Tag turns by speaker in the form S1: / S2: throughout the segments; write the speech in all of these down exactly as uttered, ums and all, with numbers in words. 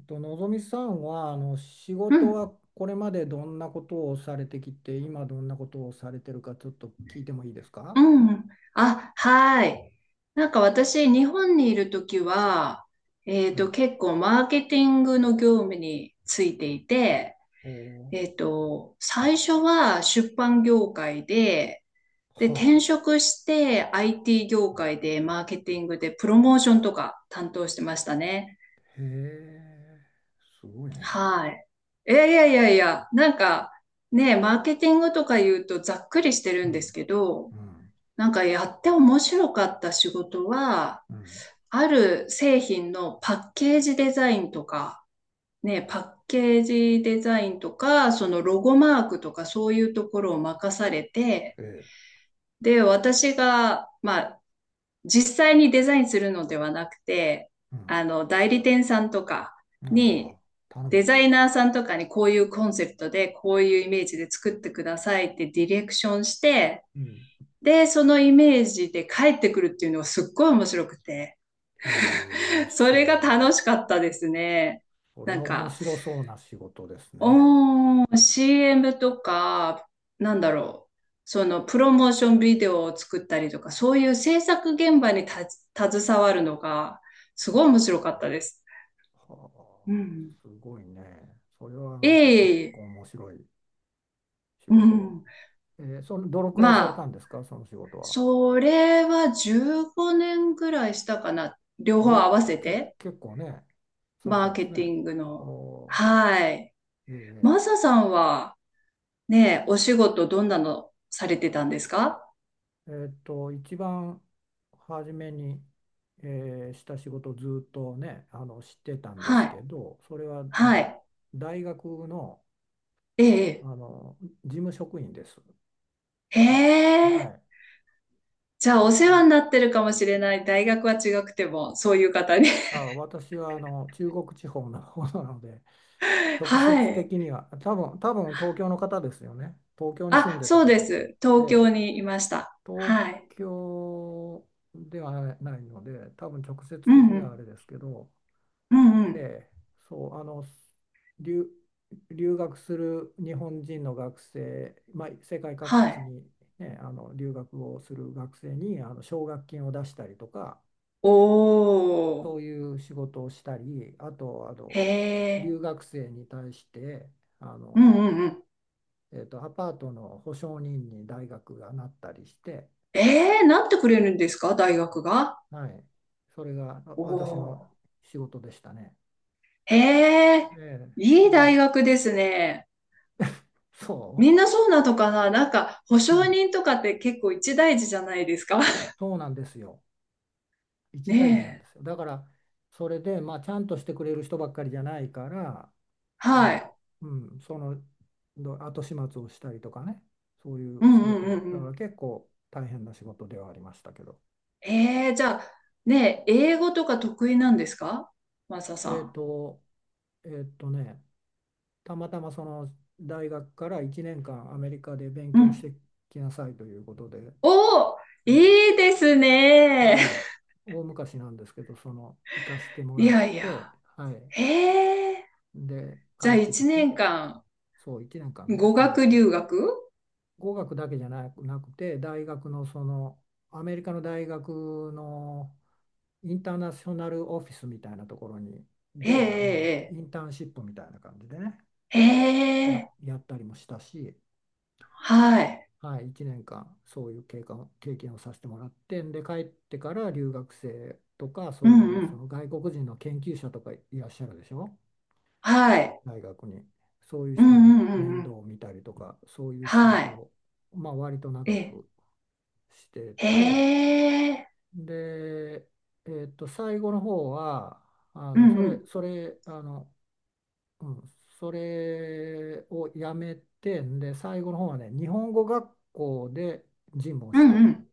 S1: えっと、のぞみさんはあの仕
S2: う
S1: 事
S2: ん、
S1: はこれまでどんなことをされてきて今どんなことをされてるかちょっと聞いてもいいです
S2: う
S1: か？
S2: ん。あ、はい。なんか私、日本にいるときは、えっ
S1: は
S2: と、
S1: い。
S2: 結構マーケティングの業務についていて、
S1: お
S2: え
S1: ー。
S2: っと、最初は出版業界で、で、
S1: は
S2: 転
S1: あ、
S2: 職して アイティー 業界でマーケティングでプロモーションとか担当してましたね。
S1: へえ、すごいね。
S2: はい。いやいやいやいや、なんかね、マーケティングとか言うとざっくりしてる
S1: う
S2: んです
S1: ん、
S2: けど、
S1: うん、
S2: なんかやって面白かった仕事は、
S1: うん、
S2: ある製品のパッケージデザインとか、ね、パッケージデザインとか、そのロゴマークとかそういうところを任されて、
S1: ええ、
S2: で、私が、まあ、実際にデザインするのではなくて、
S1: うん、
S2: あの、代理店さんとか
S1: あ
S2: に、
S1: あ、頼
S2: デ
S1: む。
S2: ザイナーさんとかにこういうコンセプトで、こういうイメージで作ってくださいってディレクションして、
S1: うん。
S2: で、そのイメージで帰ってくるっていうのがすっごい面白くて、
S1: へえ、
S2: それが
S1: そうで、
S2: 楽しかったですね。
S1: それ
S2: な
S1: は
S2: ん
S1: 面
S2: か、
S1: 白そうな仕事ですね。は
S2: おー、シーエム とか、なんだろう、そのプロモーションビデオを作ったりとか、そういう制作現場にた携わるのが、すごい面白かったです。
S1: あ、は
S2: う
S1: あ、
S2: ん。
S1: すごいね。それはなんか結
S2: ええ、
S1: 構面白い仕
S2: う
S1: 事。
S2: ん。
S1: えーそのどのくらいさ
S2: ま
S1: れた
S2: あ、
S1: んですか、その仕事は。
S2: それはじゅうごねんぐらいしたかな。両方合わ
S1: えー
S2: せ
S1: け、
S2: て。
S1: 結構ね、され
S2: マ
S1: た
S2: ー
S1: んで
S2: ケ
S1: す
S2: テ
S1: ね。
S2: ィングの。
S1: お
S2: はい。
S1: ー、え
S2: マサさんはね、お仕事どんなのされてたんですか？
S1: ーえーっと、一番初めに、えーした仕事をずっとね、あの、知ってたんで
S2: は
S1: すけ
S2: い。
S1: ど、それは、あ
S2: は
S1: の、
S2: い。
S1: 大学の、
S2: ええ。
S1: あの、事務職員です。
S2: へ
S1: は
S2: え。
S1: い。
S2: じゃあ
S1: そ
S2: お
S1: れ
S2: 世
S1: を、
S2: 話になってるかもしれない。大学は違くても、そういう方に。
S1: あ、私は、あの、中国地方の方なので、直
S2: は
S1: 接
S2: い。
S1: 的には、多分、多分東京の方ですよね。東京に住ん
S2: あ、
S1: でた
S2: そうで
S1: 方です。
S2: す。
S1: え
S2: 東京
S1: え、
S2: にいました。
S1: 東
S2: はい。
S1: 京ではないので、多分直接
S2: う
S1: 的
S2: んう
S1: にはあ
S2: ん。
S1: れですけど、
S2: うんう
S1: え
S2: ん。
S1: え、そう、あの、留、留学する日本人の学生、まあ、世界各
S2: は
S1: 地
S2: い。
S1: に、ね、あの留学をする学生にあの奨学金を出したりとか、
S2: お
S1: そ
S2: ー。
S1: ういう仕事をしたり、あと、あ
S2: へ
S1: の
S2: え。
S1: 留学生に対して、あ
S2: うん
S1: の
S2: うんうん。
S1: えーと、アパートの保証人に大学がなったりして、
S2: ええ、なってくれるんですか大学が？
S1: はい、それがあ
S2: お
S1: 私の
S2: ー。
S1: 仕事でしたね。
S2: へえ、
S1: ええ
S2: い
S1: そ
S2: い
S1: ん、
S2: 大学ですね。
S1: そ
S2: みんなそうなのかななんか、保
S1: う、う
S2: 証
S1: ん、
S2: 人とかって結構一大事じゃないですか？
S1: そうなんですよ。一大事な
S2: ね
S1: ん
S2: え。
S1: ですよ。だから、それで、まあ、ちゃんとしてくれる人ばっかりじゃないから、
S2: は
S1: まあ、
S2: い。
S1: うん、そのど後始末をしたりとかね、そうい
S2: う
S1: う
S2: ん
S1: 仕
S2: うんう
S1: 事、
S2: んう
S1: だか
S2: ん。
S1: ら結構大変な仕事ではありましたけど。
S2: ええ、じゃあ、ねえ、英語とか得意なんですかマサさ
S1: えっ
S2: ん？
S1: と、えっとね、たまたまその大学からいちねんかんアメリカで勉
S2: う
S1: 強し
S2: ん。
S1: てきなさいということで、
S2: おー、
S1: ええ、
S2: いいですね。
S1: はい、大昔なんですけど、その行かして も
S2: い
S1: らっ
S2: やいや。
S1: て、はい、
S2: ええ、
S1: で帰
S2: じゃ
S1: っ
S2: あ
S1: てき
S2: 1
S1: て、
S2: 年
S1: そういちねんかん
S2: 間、
S1: ね、
S2: 語
S1: アメリ
S2: 学
S1: カ。
S2: 留学
S1: 語学だけじゃなく、なくて、大学のそのアメリカの大学のインターナショナルオフィスみたいなところに
S2: え
S1: であの
S2: え、
S1: インターンシップみたいな感じでね
S2: ええ、ええ。
S1: や、
S2: ええ
S1: やったりもしたし。
S2: はい。
S1: はい、いちねんかんそういう経過を経験をさせてもらってで帰ってから留学生とか
S2: う
S1: そうい
S2: ん
S1: う
S2: う
S1: そ
S2: ん。
S1: の外国人の研究者とかいらっしゃるでしょ？
S2: はい。
S1: 大学にそういう
S2: うん
S1: 人の
S2: うん
S1: 面
S2: う
S1: 倒
S2: ん
S1: を見たりとかそういう仕
S2: は
S1: 事
S2: い。
S1: を、まあ、割と
S2: え
S1: 長
S2: え、
S1: くして
S2: へ
S1: て、
S2: え、
S1: で、えーっと、最後の方はあ
S2: う
S1: の
S2: ん
S1: そ
S2: う
S1: れ
S2: ん、
S1: それあの、うん、それをやめてで最後の方はね日本語学校で事務を
S2: う
S1: して
S2: んう
S1: た。
S2: ん。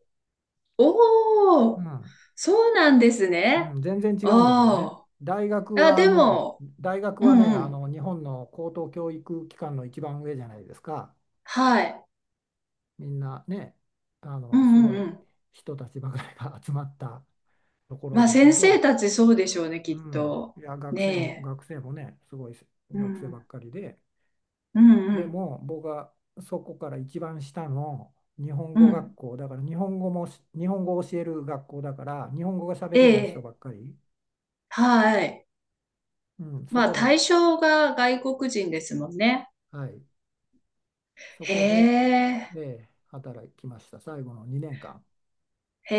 S2: お
S1: う
S2: お、
S1: ん。
S2: そうなんです
S1: う
S2: ね。
S1: ん、全然違うんだけどね。
S2: あ
S1: 大学
S2: あ、あ、
S1: は
S2: で
S1: もう、
S2: も、
S1: 大学
S2: う
S1: はね、
S2: んう
S1: あ
S2: ん、
S1: の日本の高等教育機関の一番上じゃないですか。
S2: はい、
S1: みんなね、あ
S2: う
S1: のす
S2: んう
S1: ご
S2: んう
S1: い
S2: ん。
S1: 人たちばかりが 集まったところ
S2: まあ
S1: だけ
S2: 先生
S1: ど、
S2: たちそうでしょうね、
S1: う
S2: きっ
S1: ん、
S2: と。
S1: いや、学生も、
S2: ね
S1: 学生もね、すごい
S2: え、う
S1: 学生
S2: ん、
S1: ばっかりで、
S2: うんう
S1: で
S2: ん、
S1: も僕はそこから一番下の日本
S2: う
S1: 語学
S2: ん。
S1: 校だから、日本語もし、日本語を教える学校だから、日本語が喋
S2: え
S1: れない人
S2: え、
S1: ばっかり、
S2: はい。
S1: うん、そ
S2: まあ
S1: こで、
S2: 対象が外国人ですもんね。
S1: はい。そ
S2: へ
S1: こで、
S2: え。
S1: えー働きました。最後のにねんかん。
S2: へ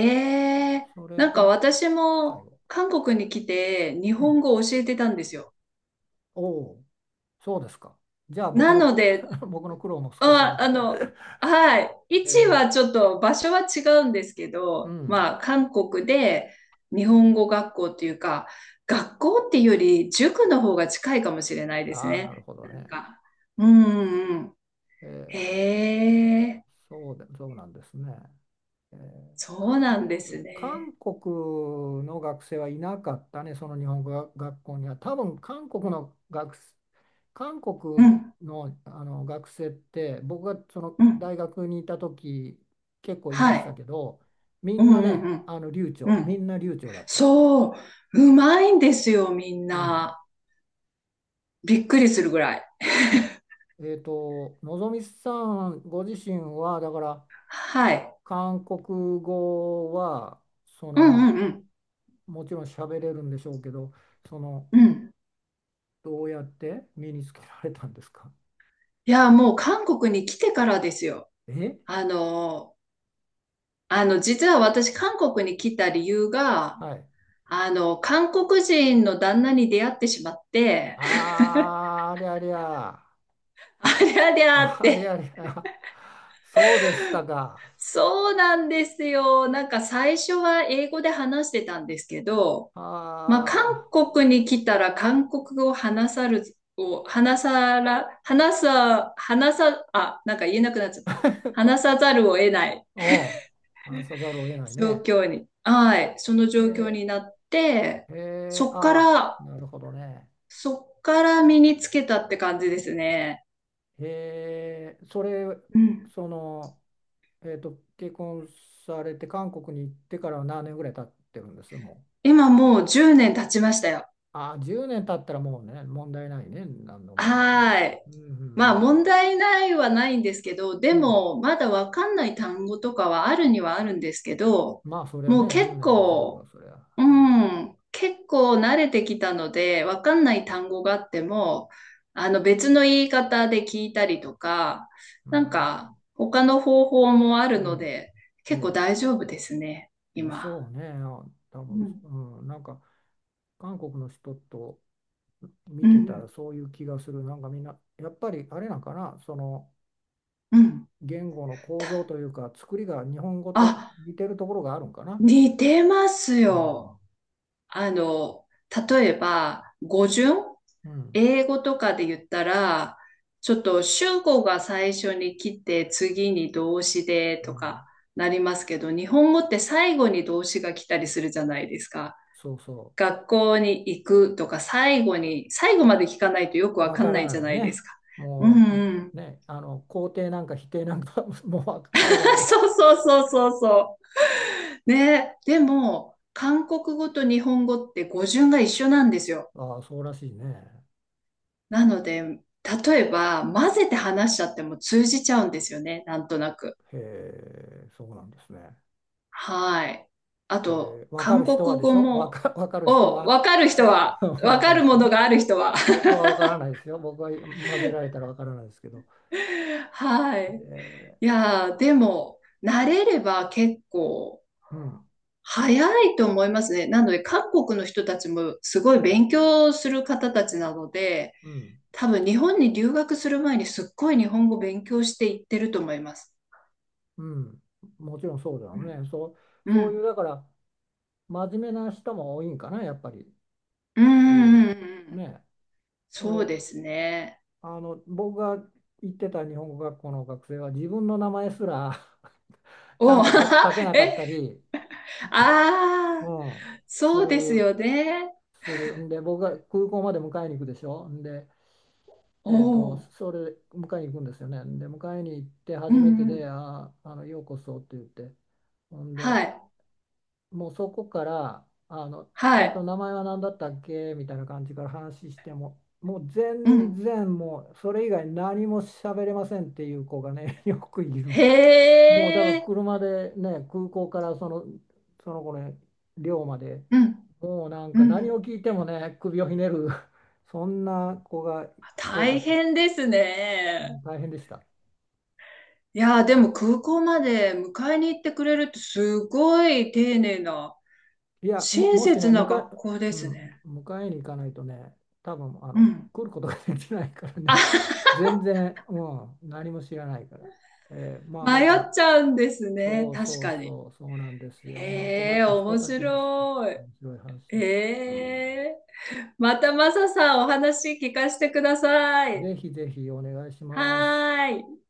S2: え、
S1: それ
S2: なんか
S1: が
S2: 私
S1: 最
S2: も
S1: 後。
S2: 韓国に来て日
S1: う
S2: 本
S1: ん。
S2: 語を教えてたんですよ。
S1: おお、そうですか。じゃあ僕
S2: な
S1: の
S2: の
S1: く、
S2: で、
S1: 僕の苦労も少しは
S2: あ、
S1: 分
S2: あ
S1: かる。
S2: の、はい、位
S1: え
S2: 置
S1: ー
S2: はちょっと場所は違うんですけ
S1: う
S2: ど、
S1: ん。
S2: まあ韓国で日本語学校っていうか、学校っていうより塾の方が近いかもしれないです
S1: ああ、なる
S2: ね。
S1: ほど
S2: なん
S1: ね。
S2: か、うんうんうん。
S1: えー
S2: へえ、
S1: そうで、そうなんですね。えー
S2: そう
S1: 韓
S2: なん
S1: 国、
S2: です
S1: 韓
S2: ね。
S1: 国の学生はいなかったね、その日本語学校には。多分韓国の学生韓
S2: う
S1: 国
S2: ん、
S1: の、あの学生って僕がその
S2: うん、
S1: 大学にいた時結構いま
S2: は
S1: し
S2: い。
S1: たけどみ
S2: う
S1: ん
S2: ん
S1: な
S2: う
S1: ね
S2: ん
S1: あの流
S2: うん、
S1: 暢
S2: う
S1: み
S2: ん。
S1: んな流暢だった。
S2: そう、うまいんですよ、みん
S1: うん、
S2: な。びっくりするぐらい。
S1: えっとのぞみさんご自身はだから
S2: はい。
S1: 韓国語はそ
S2: うんう
S1: の
S2: んうん。
S1: もちろん喋れるんでしょうけどその
S2: うん。
S1: どうやって身につけられたんですか？
S2: いや、もう韓国に来てからですよ。
S1: え、
S2: あの、あの、実は私、韓国に来た理由が、
S1: はい。
S2: あの、韓国人の旦那に出会ってしまって、
S1: あーありゃりゃ。
S2: ありゃりゃっ
S1: あれ
S2: て。
S1: あれ、あ、そうでしたか。
S2: そうなんですよ。なんか最初は英語で話してたんですけど、まあ、韓
S1: ああ、
S2: 国に来たら韓国語を話さる、を話さら、話さ、話さ、あ、なんか言えなくなっちゃった。話さざるを得ない
S1: おう、話さざるを得ない
S2: 状
S1: ね。
S2: 況に、はい、その状
S1: へ
S2: 況になって、
S1: え、へえ、
S2: そっか
S1: ああ、
S2: ら、
S1: なるほどね。
S2: そっから身につけたって感じですね。
S1: へえ、それ、
S2: うん。
S1: その、えっと、結婚されて韓国に行ってからは何年ぐらい経ってるんです、もう。
S2: 今もうじゅうねん経ちましたよ。
S1: ああ、じゅうねん経ったらもうね、問題ないね、何の問題も。
S2: はーい。
S1: うん、う
S2: まあ
S1: ん、
S2: 問題ないはないんですけど、で
S1: うん。うん、
S2: もまだわかんない単語とかはあるにはあるんですけど、
S1: まあ、それは
S2: もう
S1: ね、1
S2: 結
S1: 年で全部は
S2: 構
S1: それは。
S2: う
S1: うん、
S2: ん、結構慣れてきたので、わかんない単語があっても、あの別の言い方で聞いたりとか、
S1: う
S2: なんか
S1: ん、
S2: 他の方法もあるの
S1: う
S2: で、
S1: ん。
S2: 結構
S1: え
S2: 大
S1: え、
S2: 丈夫ですね、
S1: でし
S2: 今。
S1: ょうね、多
S2: う
S1: 分、
S2: ん、
S1: うん、なんか韓国の人と見
S2: う
S1: てた
S2: ん、
S1: らそういう気がする、なんかみんな、やっぱりあれなんかな、その
S2: うん。
S1: 言語の構造というか、作りが日本語と
S2: あ、
S1: 似てるところがあるんかな。
S2: 似てます
S1: うん、
S2: よ。あの、例えば、語順
S1: うん、
S2: 英語とかで言ったら、ちょっと主語が最初に来て、次に動詞で
S1: う
S2: と
S1: ん、
S2: かなりますけど、日本語って最後に動詞が来たりするじゃないですか。
S1: そうそ
S2: 学校に行くとか、最後に、最後まで聞かないとよく
S1: う、
S2: わ
S1: わ
S2: か
S1: か
S2: んない
S1: ら
S2: じゃ
S1: ない
S2: ないです
S1: ね、
S2: か。うん
S1: も
S2: う
S1: う
S2: ん。
S1: ね、あの肯定なんか否定なんか もう最後ま で、
S2: そうそうそうそうそう。ね、でも、韓国語と日本語って語順が一緒なんですよ。
S1: ああ、そうらしいね。
S2: なので、例えば、混ぜて話しちゃっても通じちゃうんですよね、なんとなく。
S1: へえ、そうなんですね。
S2: はい。あと、
S1: えー、分か
S2: 韓
S1: る
S2: 国
S1: 人はでし
S2: 語
S1: ょ分
S2: も、
S1: か、わかる人
S2: を、
S1: は
S2: わかる人 は、わ
S1: 分
S2: か
S1: かる
S2: る
S1: 人
S2: も
S1: は
S2: の
S1: ね。
S2: がある人は。
S1: 僕は分からないですよ。僕は混ぜられたら分からないですけど。
S2: はい。
S1: え
S2: いやー、でも、慣れれば結構、
S1: ー、うん、
S2: 早いと思いますね。なので、韓国の人たちもすごい勉強する方たちなので、
S1: うん、
S2: 多分日本に留学する前にすっごい日本語勉強していってると思います。
S1: うん。もちろんそうだ
S2: う
S1: よ
S2: ん。
S1: ね。そう、
S2: う
S1: そういう、
S2: ん。
S1: だから、真面目な人も多いんかな、やっぱり。
S2: うん
S1: そう
S2: う
S1: いう、
S2: んうんうん。
S1: ね。そ
S2: そう
S1: れ、
S2: ですね。
S1: あの、僕が行ってた日本語学校の学生は、自分の名前すら ちゃん
S2: お、
S1: と書書けな かっ
S2: え、
S1: たり、
S2: あ
S1: う
S2: あ。
S1: ん、す
S2: そうです
S1: る、
S2: よね。
S1: する。んで、僕が空港まで迎えに行くでしょ？んで、え
S2: お
S1: ーと、
S2: お。
S1: それ迎えに行くんですよね。で迎えに行って
S2: う
S1: 初め
S2: ん
S1: て
S2: う
S1: で
S2: ん。
S1: 「あー、あのようこそ」って言ってほんで
S2: はい。
S1: もうそこからあの、
S2: は
S1: えーと
S2: い。
S1: 「名前は何だったっけ？」みたいな感じから話してももう
S2: う
S1: 全
S2: ん。
S1: 然もうそれ以外何も喋れませんっていう子がね よくいる。
S2: へ
S1: もうだから
S2: え。
S1: 車でね空港からその、その子の寮まで
S2: うん。
S1: もうなん
S2: う
S1: か何を
S2: ん。
S1: 聞いてもね首をひねる そんな子が多か
S2: 大
S1: った。
S2: 変です
S1: うん、
S2: ね。
S1: 大変でした。
S2: いやー、でも空港まで迎えに行ってくれるってすごい丁寧な、
S1: いや、いやも、
S2: 親
S1: もしね、
S2: 切な
S1: 迎
S2: 学
S1: え、
S2: 校で
S1: う
S2: すね。
S1: ん、迎えに行かないとね、多分あ
S2: う
S1: の
S2: ん。
S1: 来ることができないからね、全然、うん、何も知らないから。えーまあ、ま
S2: 迷っ
S1: た、
S2: ちゃうんですね。
S1: そう
S2: 確
S1: そう
S2: かに。
S1: そう、そうなんですよ。まあ、困
S2: へ
S1: っ
S2: え、
S1: た人
S2: 面
S1: たちでして、
S2: 白い。
S1: 面白い話です。
S2: へえ。またマサさんお話聞かせてください。
S1: ぜひぜひお願いします。
S2: はーい。